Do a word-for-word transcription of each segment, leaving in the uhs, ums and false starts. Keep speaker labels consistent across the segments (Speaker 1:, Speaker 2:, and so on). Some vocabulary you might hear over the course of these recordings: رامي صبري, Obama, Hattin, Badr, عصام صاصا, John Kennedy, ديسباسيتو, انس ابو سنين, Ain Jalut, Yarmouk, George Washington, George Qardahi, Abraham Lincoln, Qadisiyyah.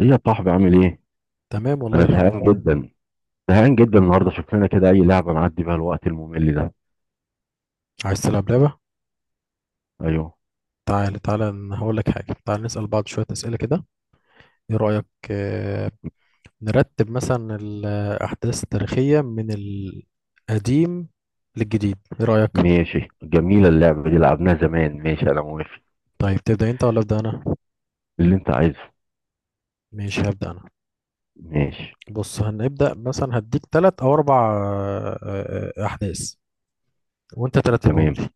Speaker 1: ايه يا صاحبي عامل ايه؟
Speaker 2: تمام والله
Speaker 1: انا
Speaker 2: الحمد
Speaker 1: زهقان
Speaker 2: لله.
Speaker 1: جدا زهقان جدا النهارده، شوف لنا كده اي لعبه نعدي بيها الوقت الممل ده.
Speaker 2: عايز تلعب لعبة؟
Speaker 1: ايوه.
Speaker 2: تعال تعال أنا هقول لك حاجة، تعال نسأل بعض شوية أسئلة كده، ايه رأيك؟ آه، نرتب مثلا الأحداث التاريخية من القديم للجديد، ايه رأيك؟
Speaker 1: ماشي، جميله اللعبه دي لعبناها زمان. ماشي، انا موافق.
Speaker 2: طيب تبدأ انت ولا أبدأ انا؟
Speaker 1: اللي انت عايزه.
Speaker 2: ماشي هبدأ انا.
Speaker 1: ماشي.
Speaker 2: بص هنبدأ مثلا هديك تلات او اربع آه، آه، آه، أحداث وانت ترتبهم
Speaker 1: تمام.
Speaker 2: لي.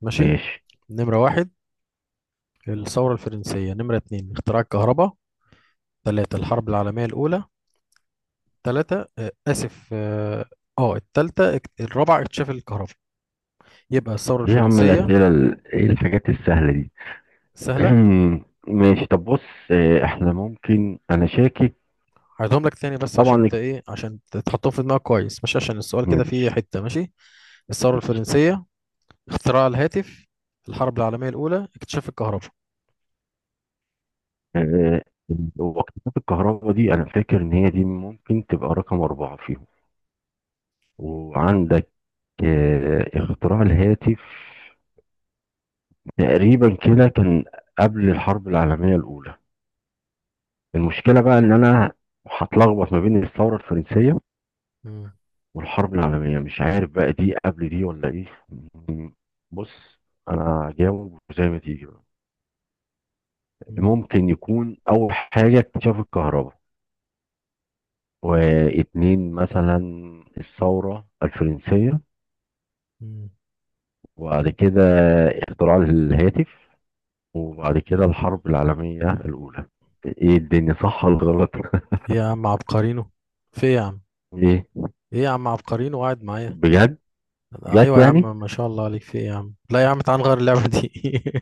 Speaker 2: ماشي.
Speaker 1: ماشي.
Speaker 2: نمرة واحد الثورة الفرنسية، نمرة اتنين اختراع الكهرباء، تلاتة الحرب العالمية الأولى. ثلاثة آه، آسف اه آه، التالتة اكت- الرابعة اكتشاف الكهرباء. يبقى الثورة
Speaker 1: ايه يا عم،
Speaker 2: الفرنسية.
Speaker 1: الاسئله ال- ايه الحاجات السهله دي؟
Speaker 2: سهلة.
Speaker 1: ماشي، طب بص. آه، احنا ممكن، انا شاكك.
Speaker 2: هعيدهم لك تاني بس عشان
Speaker 1: طبعا.
Speaker 2: انت ايه، عشان ت- تحطهم في دماغك كويس، مش عشان السؤال كده فيه
Speaker 1: ماشي.
Speaker 2: حتة. ماشي. الثورة الفرنسية، اختراع الهاتف، الحرب العالمية الأولى، اكتشاف الكهرباء.
Speaker 1: آه، وقفات الكهرباء دي انا فاكر ان هي دي ممكن تبقى رقم اربعه فيهم. وعندك آه، اختراع الهاتف، تقريبا كده كان قبل الحرب العالمية الأولى. المشكلة بقى إن أنا هتلخبط ما بين الثورة الفرنسية
Speaker 2: مم،
Speaker 1: والحرب العالمية، مش عارف بقى دي قبل دي ولا إيه. م- بص، أنا هجاوب زي ما تيجي بقى.
Speaker 2: مم،
Speaker 1: ممكن يكون أول حاجة اكتشاف الكهرباء، واتنين مثلا الثورة الفرنسية،
Speaker 2: مم.
Speaker 1: وبعد كده اختراع الهاتف، وبعد كده الحرب العالمية الأولى. ايه الدنيا، صح ولا غلط؟
Speaker 2: إيه يا عم عبقرينو، في إيه يا عم؟
Speaker 1: ايه.
Speaker 2: ايه يا عم عبقرينو قاعد معايا؟
Speaker 1: بجد. جت
Speaker 2: ايوه يا
Speaker 1: يعني.
Speaker 2: عم، ما شاء الله عليك، في ايه يا عم؟ لا يا عم تعال نغير اللعبة دي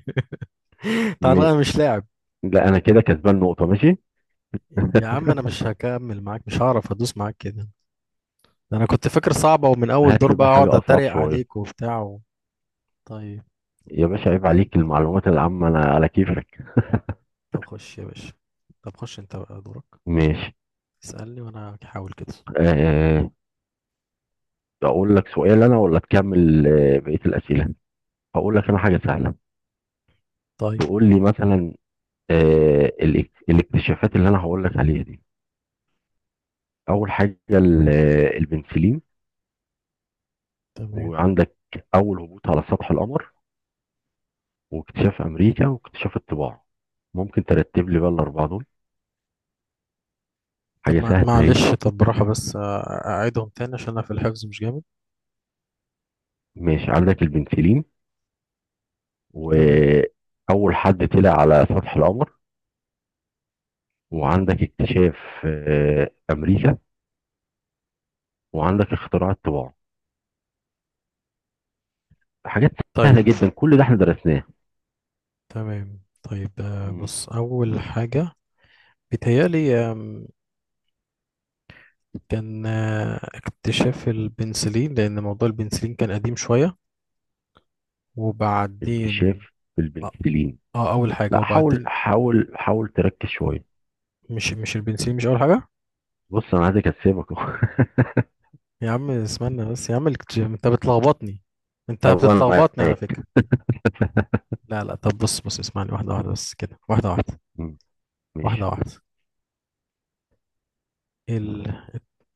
Speaker 2: تعال
Speaker 1: م...
Speaker 2: نغير مش لاعب.
Speaker 1: لا، انا كده كسبان نقطة. ماشي.
Speaker 2: يا عم انا مش هكمل معاك، مش هعرف ادوس معاك كده. ده انا كنت فاكر صعبة، ومن اول
Speaker 1: هات
Speaker 2: دور
Speaker 1: لي
Speaker 2: بقى
Speaker 1: بقى
Speaker 2: اقعد
Speaker 1: حاجة أصعب
Speaker 2: اتريق
Speaker 1: شوية.
Speaker 2: عليك وبتاع و... طيب.
Speaker 1: يا
Speaker 2: طب
Speaker 1: باشا عيب
Speaker 2: ابدأ
Speaker 1: عليك،
Speaker 2: انت بقى،
Speaker 1: المعلومات العامة أنا على كيفك.
Speaker 2: طب خش يا باشا، طب خش انت بقى دورك.
Speaker 1: ماشي.
Speaker 2: اسألني وانا هحاول كده.
Speaker 1: أه، أقول لك سؤال أنا ولا تكمل آه، بقية الأسئلة؟ هقول لك أنا حاجة سهلة.
Speaker 2: طيب.
Speaker 1: تقول لي مثلا أه الاك- الاكتشافات اللي أنا هقول لك عليها دي. أول حاجة ال- آه، البنسلين.
Speaker 2: تمام.
Speaker 1: وعندك أول هبوط على سطح القمر، واكتشاف امريكا، واكتشاف الطباعه. ممكن ترتب لي بقى الاربعه دول؟
Speaker 2: طب
Speaker 1: حاجه
Speaker 2: مع...
Speaker 1: سهله اهي.
Speaker 2: معلش، طب براحة بس أ- اعيدهم تاني عشان انا في الحفظ مش جامد.
Speaker 1: ماشي، عندك البنسلين،
Speaker 2: تمام.
Speaker 1: واول حد طلع على سطح القمر، وعندك اكتشاف آه، امريكا، وعندك اختراع الطباعه. حاجات
Speaker 2: طيب.
Speaker 1: سهله جدا، كل ده احنا درسناه.
Speaker 2: تمام. طيب، آه،
Speaker 1: مم.
Speaker 2: بص اول حاجة بيتهيألي، آم، كان آه، اكتشاف البنسلين لأن موضوع البنسلين كان قديم شوية، وبعدين
Speaker 1: اكتشاف
Speaker 2: اه
Speaker 1: البنسلين.
Speaker 2: آه، اول حاجه
Speaker 1: لا، حاول
Speaker 2: وبعدين
Speaker 1: حاول حاول تركز شويه.
Speaker 2: مش مش البنسلين مش اول حاجه.
Speaker 1: بص انا عايزك اسيبك.
Speaker 2: يا عم اسمعني بس يا عم، الكت- انت بتلخبطني، انت
Speaker 1: طبعا
Speaker 2: بتتلخبطني على
Speaker 1: معاك.
Speaker 2: فكره. لا لا طب بص بص اسمعني واحده واحده بس كده، واحده واحده.
Speaker 1: مم.
Speaker 2: واحده
Speaker 1: ماشي.
Speaker 2: واحده. ال...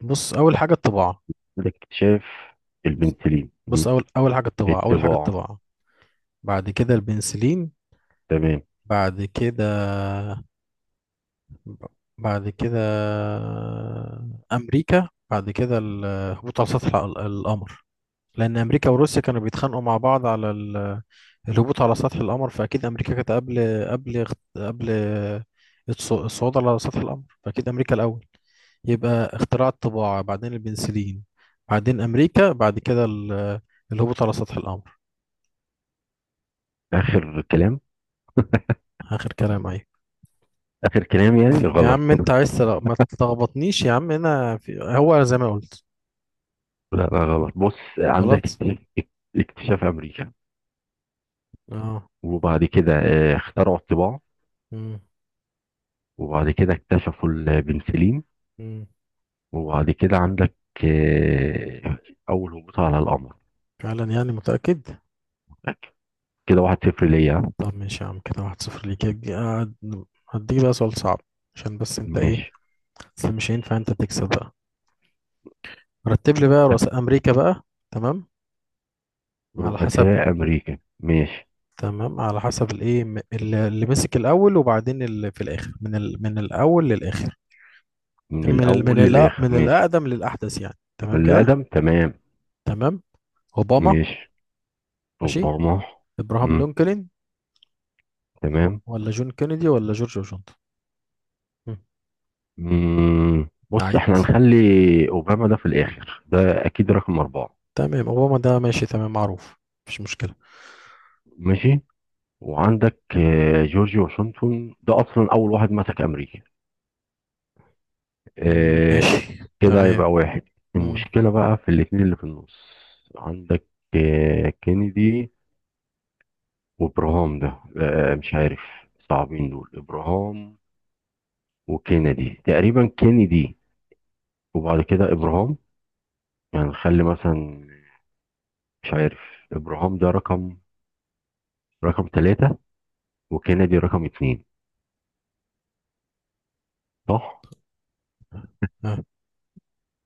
Speaker 2: بص اول حاجه الطباعه.
Speaker 1: عندك اكتشاف
Speaker 2: بص،
Speaker 1: البنسلين.
Speaker 2: بص،
Speaker 1: مم.
Speaker 2: اول اول حاجه الطباعه، اول حاجه
Speaker 1: الطباعه.
Speaker 2: الطباعه. بعد كده البنسلين.
Speaker 1: تمام.
Speaker 2: بعد كده بعد كده امريكا، بعد كده الهبوط على سطح ال- القمر، لأن أمريكا وروسيا كانوا بيتخانقوا مع بعض على ال- الهبوط على سطح القمر، فأكيد أمريكا كانت قبل قبل قبل الص- الصعود على سطح القمر، فأكيد أمريكا الأول. يبقى اختراع الطباعة، بعدين البنسلين، بعدين أمريكا، بعد كده ال- الهبوط على سطح القمر.
Speaker 1: آخر كلام.
Speaker 2: آخر كلام أهي.
Speaker 1: آخر كلام يعني
Speaker 2: ف- يا
Speaker 1: غلط.
Speaker 2: عم أنت عايز تل- ما تلخبطنيش يا عم، أنا في... هو زي ما قلت.
Speaker 1: لا لا غلط، بص عندك
Speaker 2: غلط.
Speaker 1: اكت- اكتشاف أمريكا،
Speaker 2: اه.
Speaker 1: وبعد كده آه، اخترعوا الطباعة،
Speaker 2: مم.
Speaker 1: وبعد كده اكتشفوا البنسلين،
Speaker 2: مم.
Speaker 1: وبعد كده عندك آه، أول هبوط على القمر.
Speaker 2: فعلا يعني، متأكد.
Speaker 1: كده واحد صفر ليا.
Speaker 2: طب ماشي يا عم، كده واحد صفر ليك. هدي- هد- هديك بقى سؤال صعب، عشان بس انت ايه،
Speaker 1: ماشي.
Speaker 2: اصل مش هينفع انت تكسب بقى. رتب لي بقى رؤساء امريكا بقى. تمام على حسب.
Speaker 1: رؤساء أمريكا، ماشي.
Speaker 2: تمام على حسب الايه م- اللي اللي مسك الاول وبعدين اللي في الاخر، من ال... من الاول للاخر.
Speaker 1: من
Speaker 2: تمام، من ال... من
Speaker 1: الأول
Speaker 2: ال...
Speaker 1: للآخر،
Speaker 2: من
Speaker 1: ماشي.
Speaker 2: الاقدم للاحدث يعني، تمام
Speaker 1: اللي
Speaker 2: كده.
Speaker 1: أقدم، تمام.
Speaker 2: تمام. اوباما.
Speaker 1: ماشي.
Speaker 2: ماشي.
Speaker 1: أوباما.
Speaker 2: ابراهام
Speaker 1: مم.
Speaker 2: لينكولن. و-
Speaker 1: تمام.
Speaker 2: ولا جون كينيدي ولا جورج واشنطن؟ مم.
Speaker 1: مم، بص
Speaker 2: اعيد.
Speaker 1: احنا هنخلي اوباما ده في الاخر، ده اكيد رقم اربعة.
Speaker 2: تمام اوباما ده ماشي تمام معروف. مفيش مشكلة.
Speaker 1: ماشي. وعندك آه، جورج واشنطن ده اصلا اول واحد مسك امريكا. آه،
Speaker 2: ماشي.
Speaker 1: كده
Speaker 2: تمام.
Speaker 1: يبقى واحد.
Speaker 2: مم.
Speaker 1: المشكلة بقى في الاتنين اللي في النص. عندك آه، كينيدي وابراهام ده، آه، مش عارف. صعبين دول ابراهام وكينيدي. تقريبا كينيدي وبعد كده ابراهام. يعني نخلي مثلا، مش عارف، ابراهام ده رقم رقم ثلاثة، وكندي رقم اتنين. صح؟
Speaker 2: ها،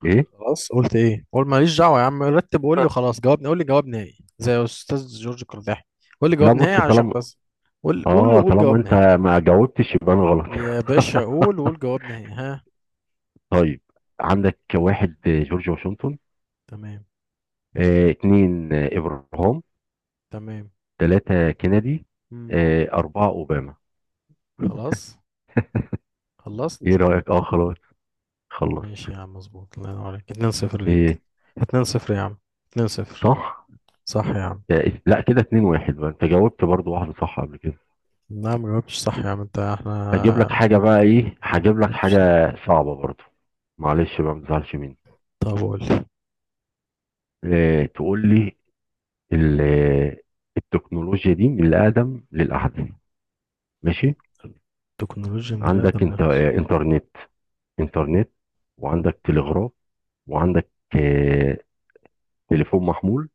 Speaker 1: ايه.
Speaker 2: خلاص قلت ايه، قول ماليش دعوه يا عم، رتب وقول لي
Speaker 1: أه،
Speaker 2: وخلاص، جواب، قول لي جواب نهائي زي استاذ جورج قرداحي. قول لي
Speaker 1: لا
Speaker 2: جواب نهائي
Speaker 1: بص،
Speaker 2: عشان
Speaker 1: طالما
Speaker 2: بس. قول قول
Speaker 1: اه
Speaker 2: وقول
Speaker 1: طالما
Speaker 2: جواب
Speaker 1: انت
Speaker 2: نهائي.
Speaker 1: ما جاوبتش يبقى انا غلط.
Speaker 2: يا باشا قول وقول جواب نهائي. ها؟
Speaker 1: طيب. عندك واحد آه، جورج واشنطن.
Speaker 2: تمام.
Speaker 1: آه اتنين آه، ابراهام.
Speaker 2: تمام.
Speaker 1: تلاتة كندي.
Speaker 2: مم.
Speaker 1: آه اربعة اوباما.
Speaker 2: خلاص. خلصت.
Speaker 1: ايه رأيك؟ اه خلاص. خلص.
Speaker 2: ماشي يا عم مظبوط، الله ينور عليك، اتنين صفر ليك.
Speaker 1: ايه.
Speaker 2: اتنين صفر يا عم. اتنين صفر.
Speaker 1: صح.
Speaker 2: صح يا عم.
Speaker 1: آه لا، كده اتنين واحد بقى، انت جاوبت برضو واحدة صح قبل كده.
Speaker 2: نعم ما جاوبتش صح يا عم، انت احنا
Speaker 1: هجيب لك حاجة بقى، ايه هجيب
Speaker 2: ما
Speaker 1: لك
Speaker 2: جاوبتش
Speaker 1: حاجة
Speaker 2: صح.
Speaker 1: صعبة برضو، معلش بقى ما تزعلش مني.
Speaker 2: طب قول.
Speaker 1: آه تقول لي ال- التكنولوجيا دي من الأقدم للأحدث. ماشي.
Speaker 2: تكنولوجيا من
Speaker 1: عندك
Speaker 2: آدم
Speaker 1: انت
Speaker 2: نفسه.
Speaker 1: آه، إنترنت إنترنت، وعندك تلغراف، وعندك آه، تليفون محمول،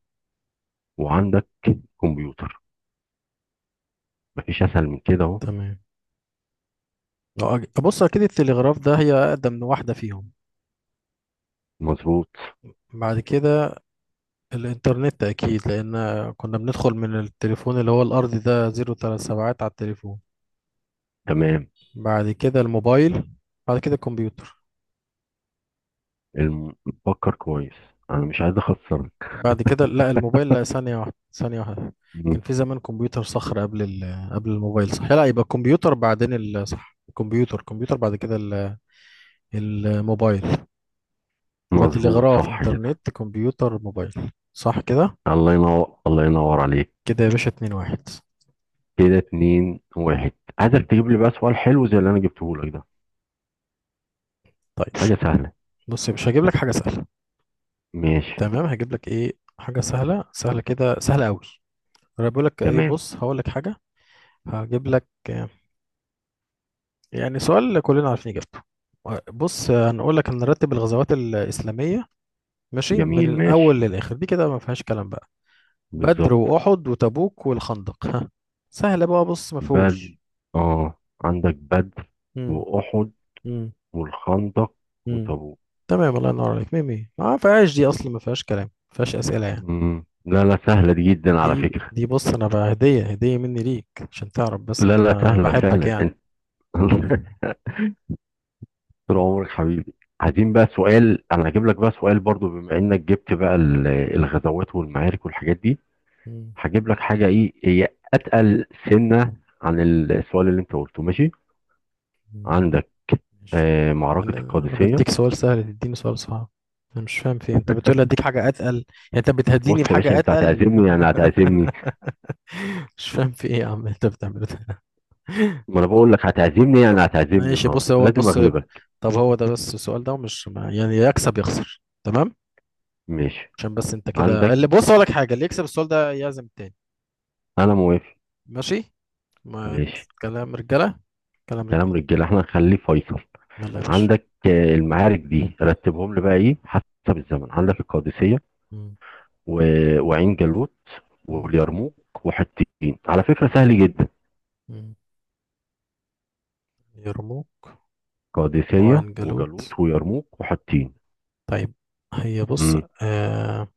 Speaker 1: وعندك كمبيوتر. مفيش أسهل من كده أهو.
Speaker 2: تمام. لو أج... بص أكيد التلغراف ده هي أقدم واحدة فيهم.
Speaker 1: مظبوط.
Speaker 2: بعد كده الإنترنت أكيد، لأن كنا بندخل من التليفون اللي هو الأرضي ده، زيرو تلات سبعات على التليفون.
Speaker 1: تمام.
Speaker 2: بعد كده الموبايل، بعد كده الكمبيوتر.
Speaker 1: الم- فكر كويس، أنا مش عايز أخسرك.
Speaker 2: بعد كده لا الموبايل، لا، ثانية واحدة ثانية واحدة،
Speaker 1: م-
Speaker 2: كان في زمان كمبيوتر صخر قبل ال... قبل الموبايل، صح؟ لا، يبقى الكمبيوتر بعدين ال... صح، الكمبيوتر الكمبيوتر بعد كده ال... الموبايل. يبقى
Speaker 1: مظبوط
Speaker 2: تلغراف
Speaker 1: صح كده.
Speaker 2: انترنت كمبيوتر موبايل. صح كده؟
Speaker 1: الله ينور، الله ينور عليك.
Speaker 2: كده يا باشا اتنين واحد.
Speaker 1: كده اتنين واحد. عايزك تجيب لي بقى سؤال حلو زي اللي أنا جبته لك ده.
Speaker 2: طيب.
Speaker 1: حاجة سهلة.
Speaker 2: بص يا باشا هجيب لك حاجة سهلة.
Speaker 1: ماشي.
Speaker 2: تمام هجيب لك ايه، حاجة سهلة، سهلة كده، سهلة قوي. انا بقول لك ايه،
Speaker 1: تمام.
Speaker 2: بص هقول لك حاجة. هجيب لك آه، يعني سؤال كلنا عارفين اجابته. آه، بص آه، هنقول لك هنرتب الغزوات الإسلامية ماشي، من
Speaker 1: جميل،
Speaker 2: الأول
Speaker 1: ماشي.
Speaker 2: للآخر، دي كده ما فيهاش كلام بقى. بدر
Speaker 1: بالظبط.
Speaker 2: وأحد وتبوك والخندق. ها، سهلة بقى، بص ما
Speaker 1: بل
Speaker 2: فيهوش.
Speaker 1: اه، عندك بدر
Speaker 2: امم.
Speaker 1: وأحد والخندق
Speaker 2: امم.
Speaker 1: وتبوك.
Speaker 2: تمام، الله ينور عليك، ميه ميه. ما فيهاش دي اصلا، ما فيهاش كلام، ما فيهاش اسئله يعني.
Speaker 1: مم. لا لا، سهلة دي جدا على
Speaker 2: دي
Speaker 1: فكرة.
Speaker 2: دي بص انا بقى هديه هديه مني ليك، عشان تعرف بس
Speaker 1: لا
Speaker 2: ان
Speaker 1: لا،
Speaker 2: انا
Speaker 1: سهلة
Speaker 2: بحبك
Speaker 1: فعلا
Speaker 2: يعني.
Speaker 1: انت. طول
Speaker 2: م-
Speaker 1: عمرك حبيبي. عايزين بقى سؤال، انا هجيب لك بقى سؤال برضو بما انك جبت بقى ال- الغزوات والمعارك والحاجات دي،
Speaker 2: م-
Speaker 1: هجيب لك حاجة ايه هي، اتقل سنة عن السؤال اللي انت قلته. ماشي.
Speaker 2: م-
Speaker 1: عندك
Speaker 2: ماشي.
Speaker 1: آه
Speaker 2: انا
Speaker 1: معركة
Speaker 2: انا
Speaker 1: القادسية.
Speaker 2: بديك سؤال سهل، تديني سؤال صعب. انا مش فاهم في إيه؟ انت بتقول لي اديك حاجه اتقل يعني، انت بتهديني
Speaker 1: بص يا باشا،
Speaker 2: بحاجه
Speaker 1: انت
Speaker 2: اتقل
Speaker 1: هتعزمني يعني هتعزمني.
Speaker 2: مش فاهم في ايه يا عم انت بتعمل ده
Speaker 1: ما انا بقول لك هتعزمني
Speaker 2: طب.
Speaker 1: يعني هتعزمني،
Speaker 2: ماشي
Speaker 1: النهارده
Speaker 2: بص، هو
Speaker 1: لازم
Speaker 2: بص،
Speaker 1: اغلبك.
Speaker 2: طب هو ده بس السؤال ده، ومش ما- يعني يكسب يخسر، تمام؟
Speaker 1: ماشي.
Speaker 2: عشان بس انت كده،
Speaker 1: عندك.
Speaker 2: اللي بص اقول لك حاجه، اللي يكسب السؤال ده يعزم التاني.
Speaker 1: انا موافق.
Speaker 2: ماشي. ما
Speaker 1: ماشي.
Speaker 2: كلام رجاله، كلام
Speaker 1: كلام
Speaker 2: رجاله.
Speaker 1: رجاله، احنا هنخليه فيصل.
Speaker 2: يلا يا باشا.
Speaker 1: عندك آه، المعارك دي رتبهم لي بقى، ايه حسب الزمن؟ عندك القادسيه
Speaker 2: مم.
Speaker 1: و... وعين جالوت
Speaker 2: مم.
Speaker 1: واليرموك وحطين، على فكره سهل جدا.
Speaker 2: مم. يرموك
Speaker 1: قادسيه
Speaker 2: وعين جالوت.
Speaker 1: وجالوت ويرموك وحطين.
Speaker 2: طيب. هي بص
Speaker 1: امم
Speaker 2: آه،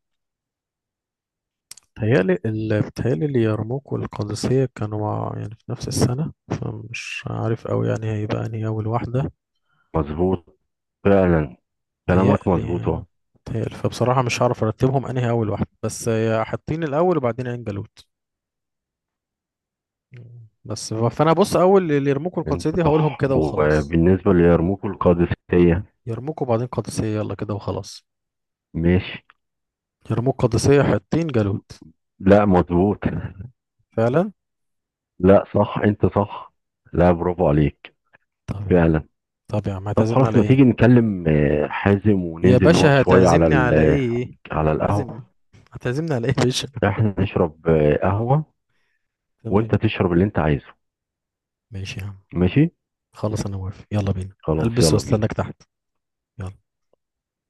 Speaker 2: بتهيألي ال- بتهيألي اليرموك والقادسية كانوا مع يعني في نفس السنة، فمش عارف أوي يعني هيبقى أنهي أول واحدة.
Speaker 1: مظبوط فعلا، كلامك مظبوط
Speaker 2: بتهيألي،
Speaker 1: اهو.
Speaker 2: بتهيألي، فبصراحة مش هعرف أرتبهم أنهي أول واحدة، بس آه، حاطين الأول وبعدين عين جالوت. مم. بس ف- فانا بص اول اللي يرموكوا القادسيه
Speaker 1: انت
Speaker 2: دي هقولهم
Speaker 1: صح.
Speaker 2: كده وخلاص.
Speaker 1: وبالنسبه ليرموك والقادسيه،
Speaker 2: يرموكوا بعدين قادسيه، يلا كده وخلاص.
Speaker 1: ماشي.
Speaker 2: يرموك قادسيه حطين جالوت.
Speaker 1: لا مظبوط.
Speaker 2: فعلا.
Speaker 1: لا صح، انت صح. لا برافو عليك،
Speaker 2: طب يا عم.
Speaker 1: فعلا.
Speaker 2: طب يا عم
Speaker 1: طب
Speaker 2: هتعزمني
Speaker 1: خلاص،
Speaker 2: على
Speaker 1: ما تيجي
Speaker 2: ايه؟
Speaker 1: نكلم آه، حازم
Speaker 2: يا
Speaker 1: وننزل نقعد
Speaker 2: باشا
Speaker 1: شوية على
Speaker 2: هتعزمني على
Speaker 1: ال-
Speaker 2: ايه؟
Speaker 1: على القهوة.
Speaker 2: هتعزمني، هتعزمني على ايه يا باشا
Speaker 1: احنا نشرب آه، قهوة وانت
Speaker 2: تمام.
Speaker 1: تشرب اللي انت عايزه.
Speaker 2: ماشي يا عم.
Speaker 1: ماشي.
Speaker 2: خلاص انا موافق، يلا بينا،
Speaker 1: خلاص
Speaker 2: هلبس
Speaker 1: يلا بينا
Speaker 2: واستناك تحت. يلا.